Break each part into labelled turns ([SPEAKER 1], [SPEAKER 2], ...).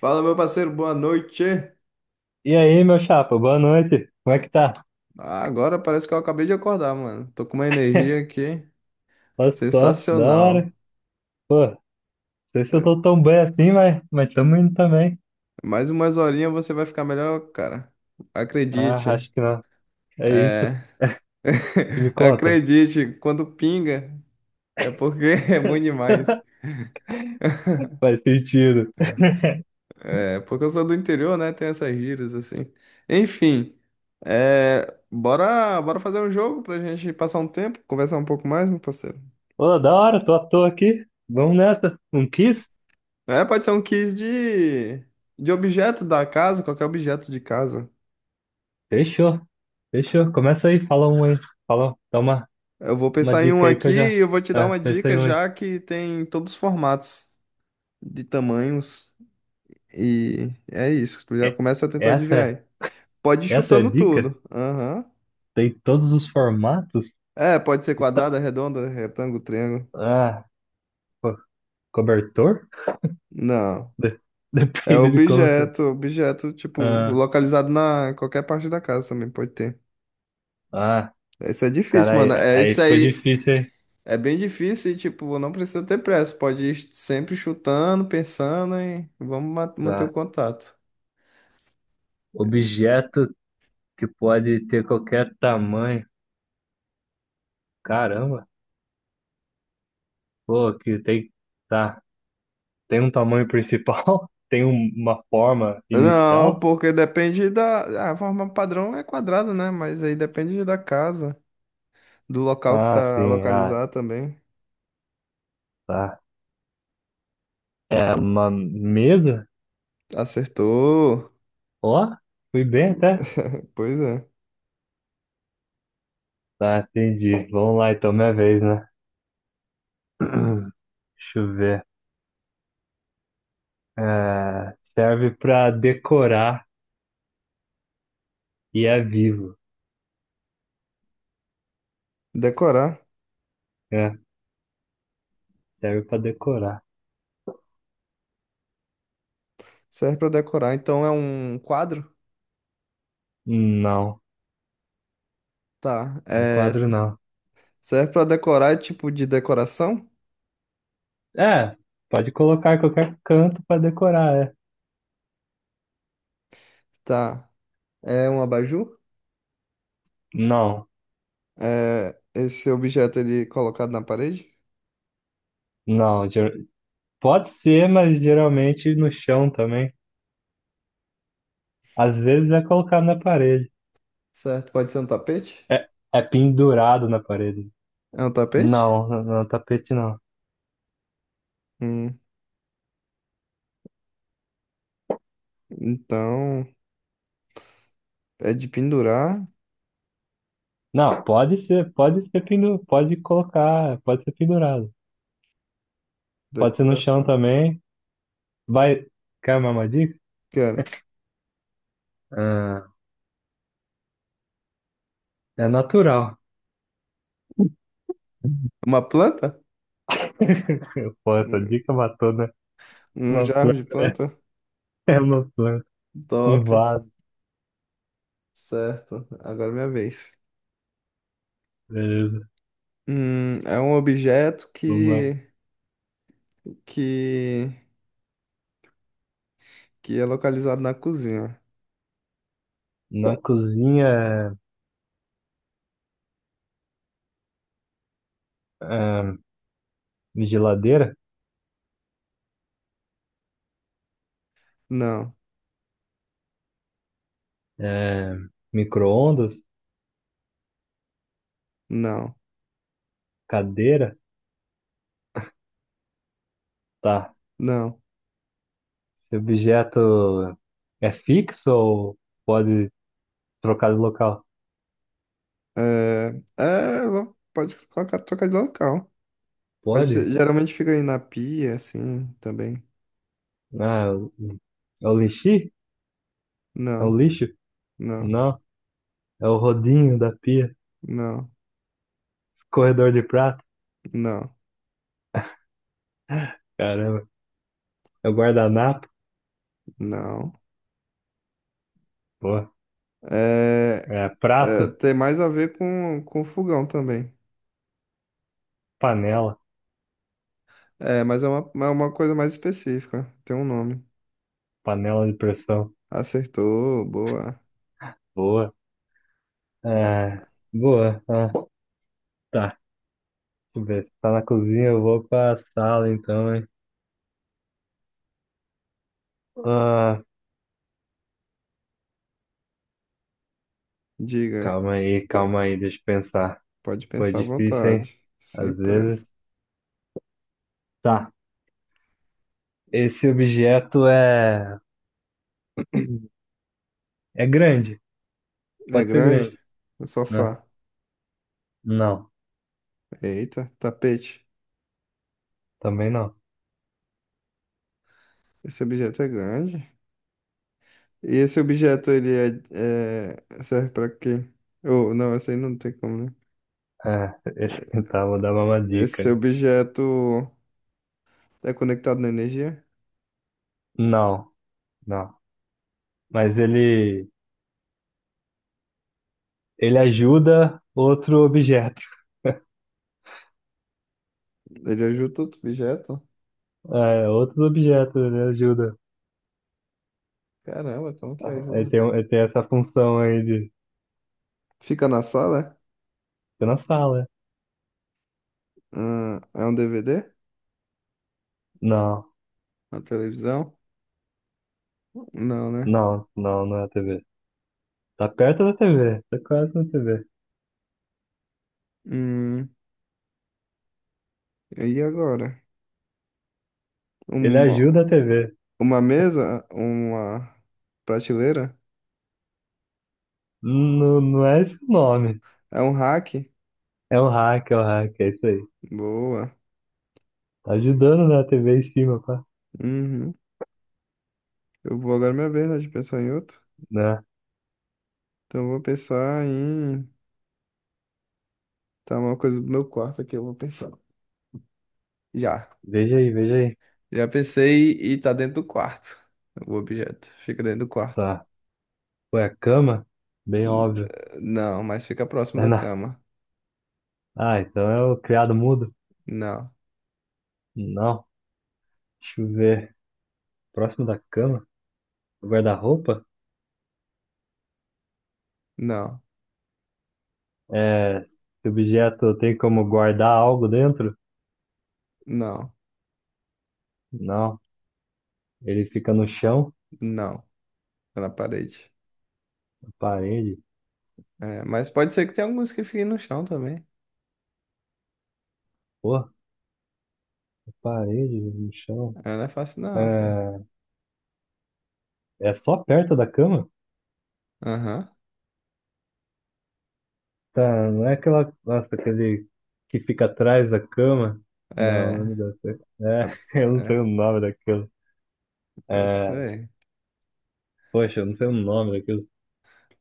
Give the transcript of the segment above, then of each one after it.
[SPEAKER 1] Fala, meu parceiro, boa noite.
[SPEAKER 2] E aí, meu chapa, boa noite. Como é que tá?
[SPEAKER 1] Ah, agora parece que eu acabei de acordar, mano. Tô com uma energia aqui
[SPEAKER 2] Olha só, da hora.
[SPEAKER 1] sensacional.
[SPEAKER 2] Pô, não sei se eu tô tão bem assim, mas tamo indo também.
[SPEAKER 1] Mais umas horinhas você vai ficar melhor, cara.
[SPEAKER 2] Ah,
[SPEAKER 1] Acredite.
[SPEAKER 2] acho que não. É isso
[SPEAKER 1] É.
[SPEAKER 2] que me conta.
[SPEAKER 1] Acredite, quando pinga é porque é bom demais.
[SPEAKER 2] Faz sentido.
[SPEAKER 1] É porque eu sou do interior, né? Tem essas gírias assim. Enfim, bora, bora fazer um jogo pra gente passar um tempo, conversar um pouco mais, meu parceiro.
[SPEAKER 2] Pô, da hora, tô à toa aqui. Vamos nessa. Um kiss?
[SPEAKER 1] É, pode ser um quiz de objeto da casa, qualquer objeto de casa.
[SPEAKER 2] Fechou. Fechou. Começa aí, fala um aí. Fala,
[SPEAKER 1] Eu vou
[SPEAKER 2] uma
[SPEAKER 1] pensar em um
[SPEAKER 2] dica aí que
[SPEAKER 1] aqui
[SPEAKER 2] eu já.
[SPEAKER 1] e eu vou te dar
[SPEAKER 2] Ah,
[SPEAKER 1] uma
[SPEAKER 2] pensa
[SPEAKER 1] dica
[SPEAKER 2] em um aí.
[SPEAKER 1] já que tem todos os formatos de tamanhos. E é isso, tu já
[SPEAKER 2] É-
[SPEAKER 1] começa a tentar
[SPEAKER 2] Essa
[SPEAKER 1] adivinhar
[SPEAKER 2] é,
[SPEAKER 1] aí. Pode ir
[SPEAKER 2] essa é a
[SPEAKER 1] chutando
[SPEAKER 2] dica?
[SPEAKER 1] tudo. Aham.
[SPEAKER 2] Tem todos os formatos?
[SPEAKER 1] É, pode ser
[SPEAKER 2] E tá-
[SPEAKER 1] quadrada, redonda, retângulo, triângulo.
[SPEAKER 2] Ah, pô, cobertor?
[SPEAKER 1] Não.
[SPEAKER 2] De-
[SPEAKER 1] É
[SPEAKER 2] Depende de como você.
[SPEAKER 1] objeto, objeto, tipo,
[SPEAKER 2] Ah,
[SPEAKER 1] localizado na em qualquer parte da casa também pode ter.
[SPEAKER 2] ah,
[SPEAKER 1] Isso é
[SPEAKER 2] cara
[SPEAKER 1] difícil, mano.
[SPEAKER 2] aí
[SPEAKER 1] É
[SPEAKER 2] aí
[SPEAKER 1] isso
[SPEAKER 2] ficou
[SPEAKER 1] aí.
[SPEAKER 2] difícil, hein?
[SPEAKER 1] É bem difícil e, tipo, não precisa ter pressa. Pode ir sempre chutando, pensando e vamos manter
[SPEAKER 2] Tá.
[SPEAKER 1] o contato.
[SPEAKER 2] Objeto que pode ter qualquer tamanho. Caramba, pô, que tem. Tá. Tem um tamanho principal? Uma forma
[SPEAKER 1] Não,
[SPEAKER 2] inicial?
[SPEAKER 1] porque depende da... A forma padrão é quadrada, né? Mas aí depende da casa, do local que
[SPEAKER 2] Ah,
[SPEAKER 1] tá
[SPEAKER 2] sim, ah,
[SPEAKER 1] localizado também.
[SPEAKER 2] tá. É uma mesa?
[SPEAKER 1] Acertou.
[SPEAKER 2] Ó, fui bem até.
[SPEAKER 1] Pois é.
[SPEAKER 2] Tá, entendi. Vamos lá, então, minha vez, né? Deixa eu ver. É, serve pra decorar e é vivo.
[SPEAKER 1] Decorar.
[SPEAKER 2] Né? Serve pra decorar.
[SPEAKER 1] Serve pra decorar. Então é um quadro?
[SPEAKER 2] Não,
[SPEAKER 1] Tá.
[SPEAKER 2] no quadro não.
[SPEAKER 1] Serve pra decorar, é tipo de decoração?
[SPEAKER 2] É, pode colocar em qualquer canto pra decorar, é.
[SPEAKER 1] Tá. É um abajur?
[SPEAKER 2] Não,
[SPEAKER 1] É esse objeto ele é colocado na parede?
[SPEAKER 2] não, pode ser, mas geralmente no chão também. Às vezes é colocado na parede.
[SPEAKER 1] Certo, pode ser um tapete?
[SPEAKER 2] É, é pendurado na parede.
[SPEAKER 1] É um tapete?
[SPEAKER 2] Não, não, tapete não.
[SPEAKER 1] Hum, então é de pendurar,
[SPEAKER 2] Não, pode ser pendurado, pode colocar, pode ser pendurado. Pode ser no chão
[SPEAKER 1] decoração.
[SPEAKER 2] também. Vai, quer uma dica?
[SPEAKER 1] Cara,
[SPEAKER 2] Ah, é natural.
[SPEAKER 1] uma planta?
[SPEAKER 2] Pô, essa
[SPEAKER 1] Um
[SPEAKER 2] dica matou, né?
[SPEAKER 1] um
[SPEAKER 2] Uma
[SPEAKER 1] jarro de
[SPEAKER 2] planta.
[SPEAKER 1] planta?
[SPEAKER 2] É uma planta. Um
[SPEAKER 1] Top.
[SPEAKER 2] vaso.
[SPEAKER 1] Certo, agora é minha vez.
[SPEAKER 2] Beleza.
[SPEAKER 1] É um objeto
[SPEAKER 2] Vamos lá.
[SPEAKER 1] que, que é localizado na cozinha.
[SPEAKER 2] Na cozinha, ah, geladeira,
[SPEAKER 1] Não,
[SPEAKER 2] eh, micro-ondas,
[SPEAKER 1] não,
[SPEAKER 2] cadeira. Tá.
[SPEAKER 1] não.
[SPEAKER 2] Esse objeto é fixo ou pode trocar de local?
[SPEAKER 1] Lo- pode colocar, trocar de local. Pode, ser-
[SPEAKER 2] Pode?
[SPEAKER 1] geralmente fica aí na pia, assim, também.
[SPEAKER 2] Ah, é o lixi? É o
[SPEAKER 1] Não,
[SPEAKER 2] lixo?
[SPEAKER 1] não,
[SPEAKER 2] Não. É o rodinho da pia.
[SPEAKER 1] não.
[SPEAKER 2] Corredor de prato.
[SPEAKER 1] Não,
[SPEAKER 2] Caramba. É o guardanapo.
[SPEAKER 1] não.
[SPEAKER 2] Boa.
[SPEAKER 1] É,
[SPEAKER 2] É
[SPEAKER 1] é,
[SPEAKER 2] prato.
[SPEAKER 1] tem mais a ver com fogão também.
[SPEAKER 2] Panela.
[SPEAKER 1] É, mas é é uma coisa mais específica. Tem um nome.
[SPEAKER 2] Panela de pressão.
[SPEAKER 1] Acertou, boa.
[SPEAKER 2] Boa. É, boa. Ah, tá, deixa eu ver. Você tá na cozinha, eu vou pra sala então, hein? Ah,
[SPEAKER 1] Diga,
[SPEAKER 2] calma aí, deixa eu pensar.
[SPEAKER 1] pode
[SPEAKER 2] Foi
[SPEAKER 1] pensar à
[SPEAKER 2] difícil, hein?
[SPEAKER 1] vontade. Sem
[SPEAKER 2] Às
[SPEAKER 1] pressa.
[SPEAKER 2] vezes. Tá, esse objeto é, é grande,
[SPEAKER 1] É
[SPEAKER 2] pode ser
[SPEAKER 1] grande?
[SPEAKER 2] grande,
[SPEAKER 1] O
[SPEAKER 2] né?
[SPEAKER 1] sofá.
[SPEAKER 2] Não,
[SPEAKER 1] Eita, tapete.
[SPEAKER 2] também não.
[SPEAKER 1] Esse objeto é grande. E esse objeto, ele é- serve pra quê? Oh, não, esse aí não tem como, né?
[SPEAKER 2] É, tá, vou dar uma
[SPEAKER 1] Esse
[SPEAKER 2] dica.
[SPEAKER 1] objeto é conectado na energia?
[SPEAKER 2] Não, não. Mas ele ajuda outro objeto.
[SPEAKER 1] Ele ajuda outro objeto?
[SPEAKER 2] É, outros objetos ele ajuda.
[SPEAKER 1] Caramba, como que ajuda?
[SPEAKER 2] Ele tem essa função aí.
[SPEAKER 1] Fica na sala?
[SPEAKER 2] Fica na sala.
[SPEAKER 1] É? Ah, é um DVD?
[SPEAKER 2] Não,
[SPEAKER 1] Uma televisão? Não, né?
[SPEAKER 2] não, não, não é a TV. Tá perto da TV, tá quase na TV.
[SPEAKER 1] Hum, e agora?
[SPEAKER 2] Ele
[SPEAKER 1] Uma,
[SPEAKER 2] ajuda a TV.
[SPEAKER 1] uma mesa? Uma prateleira?
[SPEAKER 2] Não, não é esse o nome.
[SPEAKER 1] É um rack?
[SPEAKER 2] É um hack, é um hack, é isso aí.
[SPEAKER 1] Boa.
[SPEAKER 2] Tá ajudando, né, a TV em cima, pá.
[SPEAKER 1] Uhum. Eu vou agora é minha vez, né, de pensar em outro.
[SPEAKER 2] Né?
[SPEAKER 1] Então eu vou pensar em. Tá uma coisa do meu quarto aqui, eu vou pensar. Já.
[SPEAKER 2] Veja aí, veja aí.
[SPEAKER 1] Já pensei e tá dentro do quarto. O objeto. Fica dentro do quarto.
[SPEAKER 2] Tá. Foi a cama? Bem
[SPEAKER 1] N-
[SPEAKER 2] óbvio.
[SPEAKER 1] Não, mas fica próximo
[SPEAKER 2] É
[SPEAKER 1] da
[SPEAKER 2] na...
[SPEAKER 1] cama.
[SPEAKER 2] Ah, então é o criado mudo?
[SPEAKER 1] Não.
[SPEAKER 2] Não. Deixa eu ver. Próximo da cama? O guarda-roupa?
[SPEAKER 1] Não,
[SPEAKER 2] É... Esse objeto tem como guardar algo dentro?
[SPEAKER 1] não,
[SPEAKER 2] Não. Ele fica no chão,
[SPEAKER 1] não. É na parede.
[SPEAKER 2] na parede.
[SPEAKER 1] É, mas pode ser que tenha alguns que fiquem no chão também.
[SPEAKER 2] Porra, parede, no chão.
[SPEAKER 1] É, não é fácil não, filho.
[SPEAKER 2] É, é só perto da cama?
[SPEAKER 1] Aham.
[SPEAKER 2] Tá, não é aquela. Nossa, aquele que fica atrás da cama? Não,
[SPEAKER 1] É,
[SPEAKER 2] não deve ser.
[SPEAKER 1] é,
[SPEAKER 2] É, eu não sei
[SPEAKER 1] é,
[SPEAKER 2] o nome daquilo.
[SPEAKER 1] eu
[SPEAKER 2] É,
[SPEAKER 1] sei.
[SPEAKER 2] poxa, eu não sei o nome daquilo.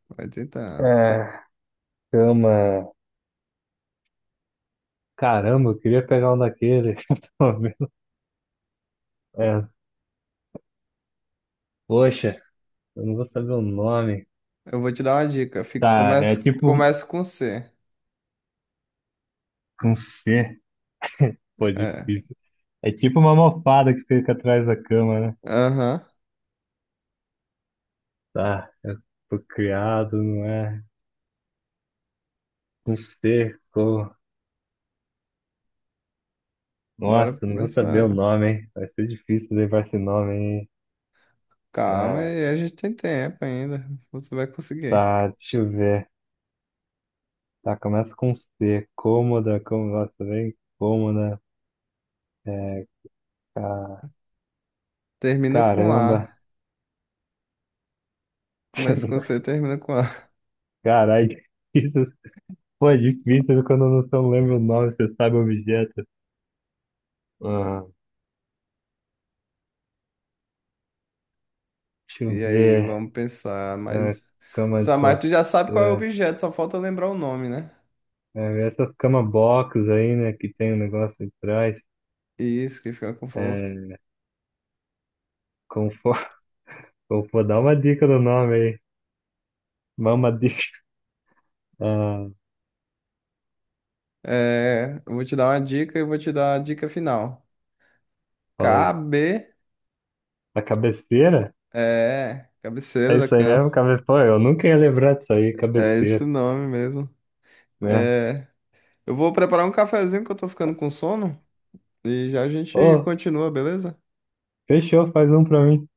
[SPEAKER 1] Vai tentando.
[SPEAKER 2] É, cama. Caramba, eu queria pegar um daquele. Eu tô vendo. É, poxa, eu não vou saber o nome.
[SPEAKER 1] Eu vou te dar uma dica.
[SPEAKER 2] Tá, é tipo
[SPEAKER 1] Começa com C.
[SPEAKER 2] um C. Pô,
[SPEAKER 1] É.
[SPEAKER 2] difícil. É tipo uma almofada que fica atrás da cama, né?
[SPEAKER 1] Aham.
[SPEAKER 2] Tá, eu fui criado, não é? Um cerco.
[SPEAKER 1] Bora
[SPEAKER 2] Nossa, não vou saber o
[SPEAKER 1] começar.
[SPEAKER 2] nome, hein? Vai ser difícil levar esse nome, hein?
[SPEAKER 1] Calma,
[SPEAKER 2] Ah,
[SPEAKER 1] aí, a gente tem tempo ainda. Você vai conseguir.
[SPEAKER 2] tá, deixa eu ver. Tá, começa com C. Cômoda, como, nossa, bem cômoda. É, ca-
[SPEAKER 1] Termina com
[SPEAKER 2] caramba.
[SPEAKER 1] A. Começa com C, termina com A.
[SPEAKER 2] Caralho, isso foi difícil quando eu não só lembro o nome, você sabe o objeto. Ah, deixa eu
[SPEAKER 1] E aí,
[SPEAKER 2] ver.
[SPEAKER 1] vamos pensar,
[SPEAKER 2] Ah,
[SPEAKER 1] mas
[SPEAKER 2] cama de
[SPEAKER 1] pensar mais,
[SPEAKER 2] solteiro.
[SPEAKER 1] tu já sabe qual é o objeto, só falta lembrar o nome, né?
[SPEAKER 2] Essas cama box aí, né, que tem um negócio atrás.
[SPEAKER 1] Isso que fica com conforto.
[SPEAKER 2] É, como for, como for, dá uma dica do nome aí. Mama dica. Ah,
[SPEAKER 1] É, eu vou te dar uma dica e vou te dar a dica final.
[SPEAKER 2] fala aí.
[SPEAKER 1] Cabe,
[SPEAKER 2] A cabeceira?
[SPEAKER 1] é, cabeceira
[SPEAKER 2] É
[SPEAKER 1] da
[SPEAKER 2] isso aí
[SPEAKER 1] cama.
[SPEAKER 2] mesmo? Cabe... Pô, eu nunca ia lembrar disso aí,
[SPEAKER 1] É esse
[SPEAKER 2] cabeceira,
[SPEAKER 1] nome mesmo.
[SPEAKER 2] né?
[SPEAKER 1] É, eu vou preparar um cafezinho que eu tô ficando com sono e já a gente
[SPEAKER 2] Ô,
[SPEAKER 1] continua, beleza?
[SPEAKER 2] fechou, faz um pra mim.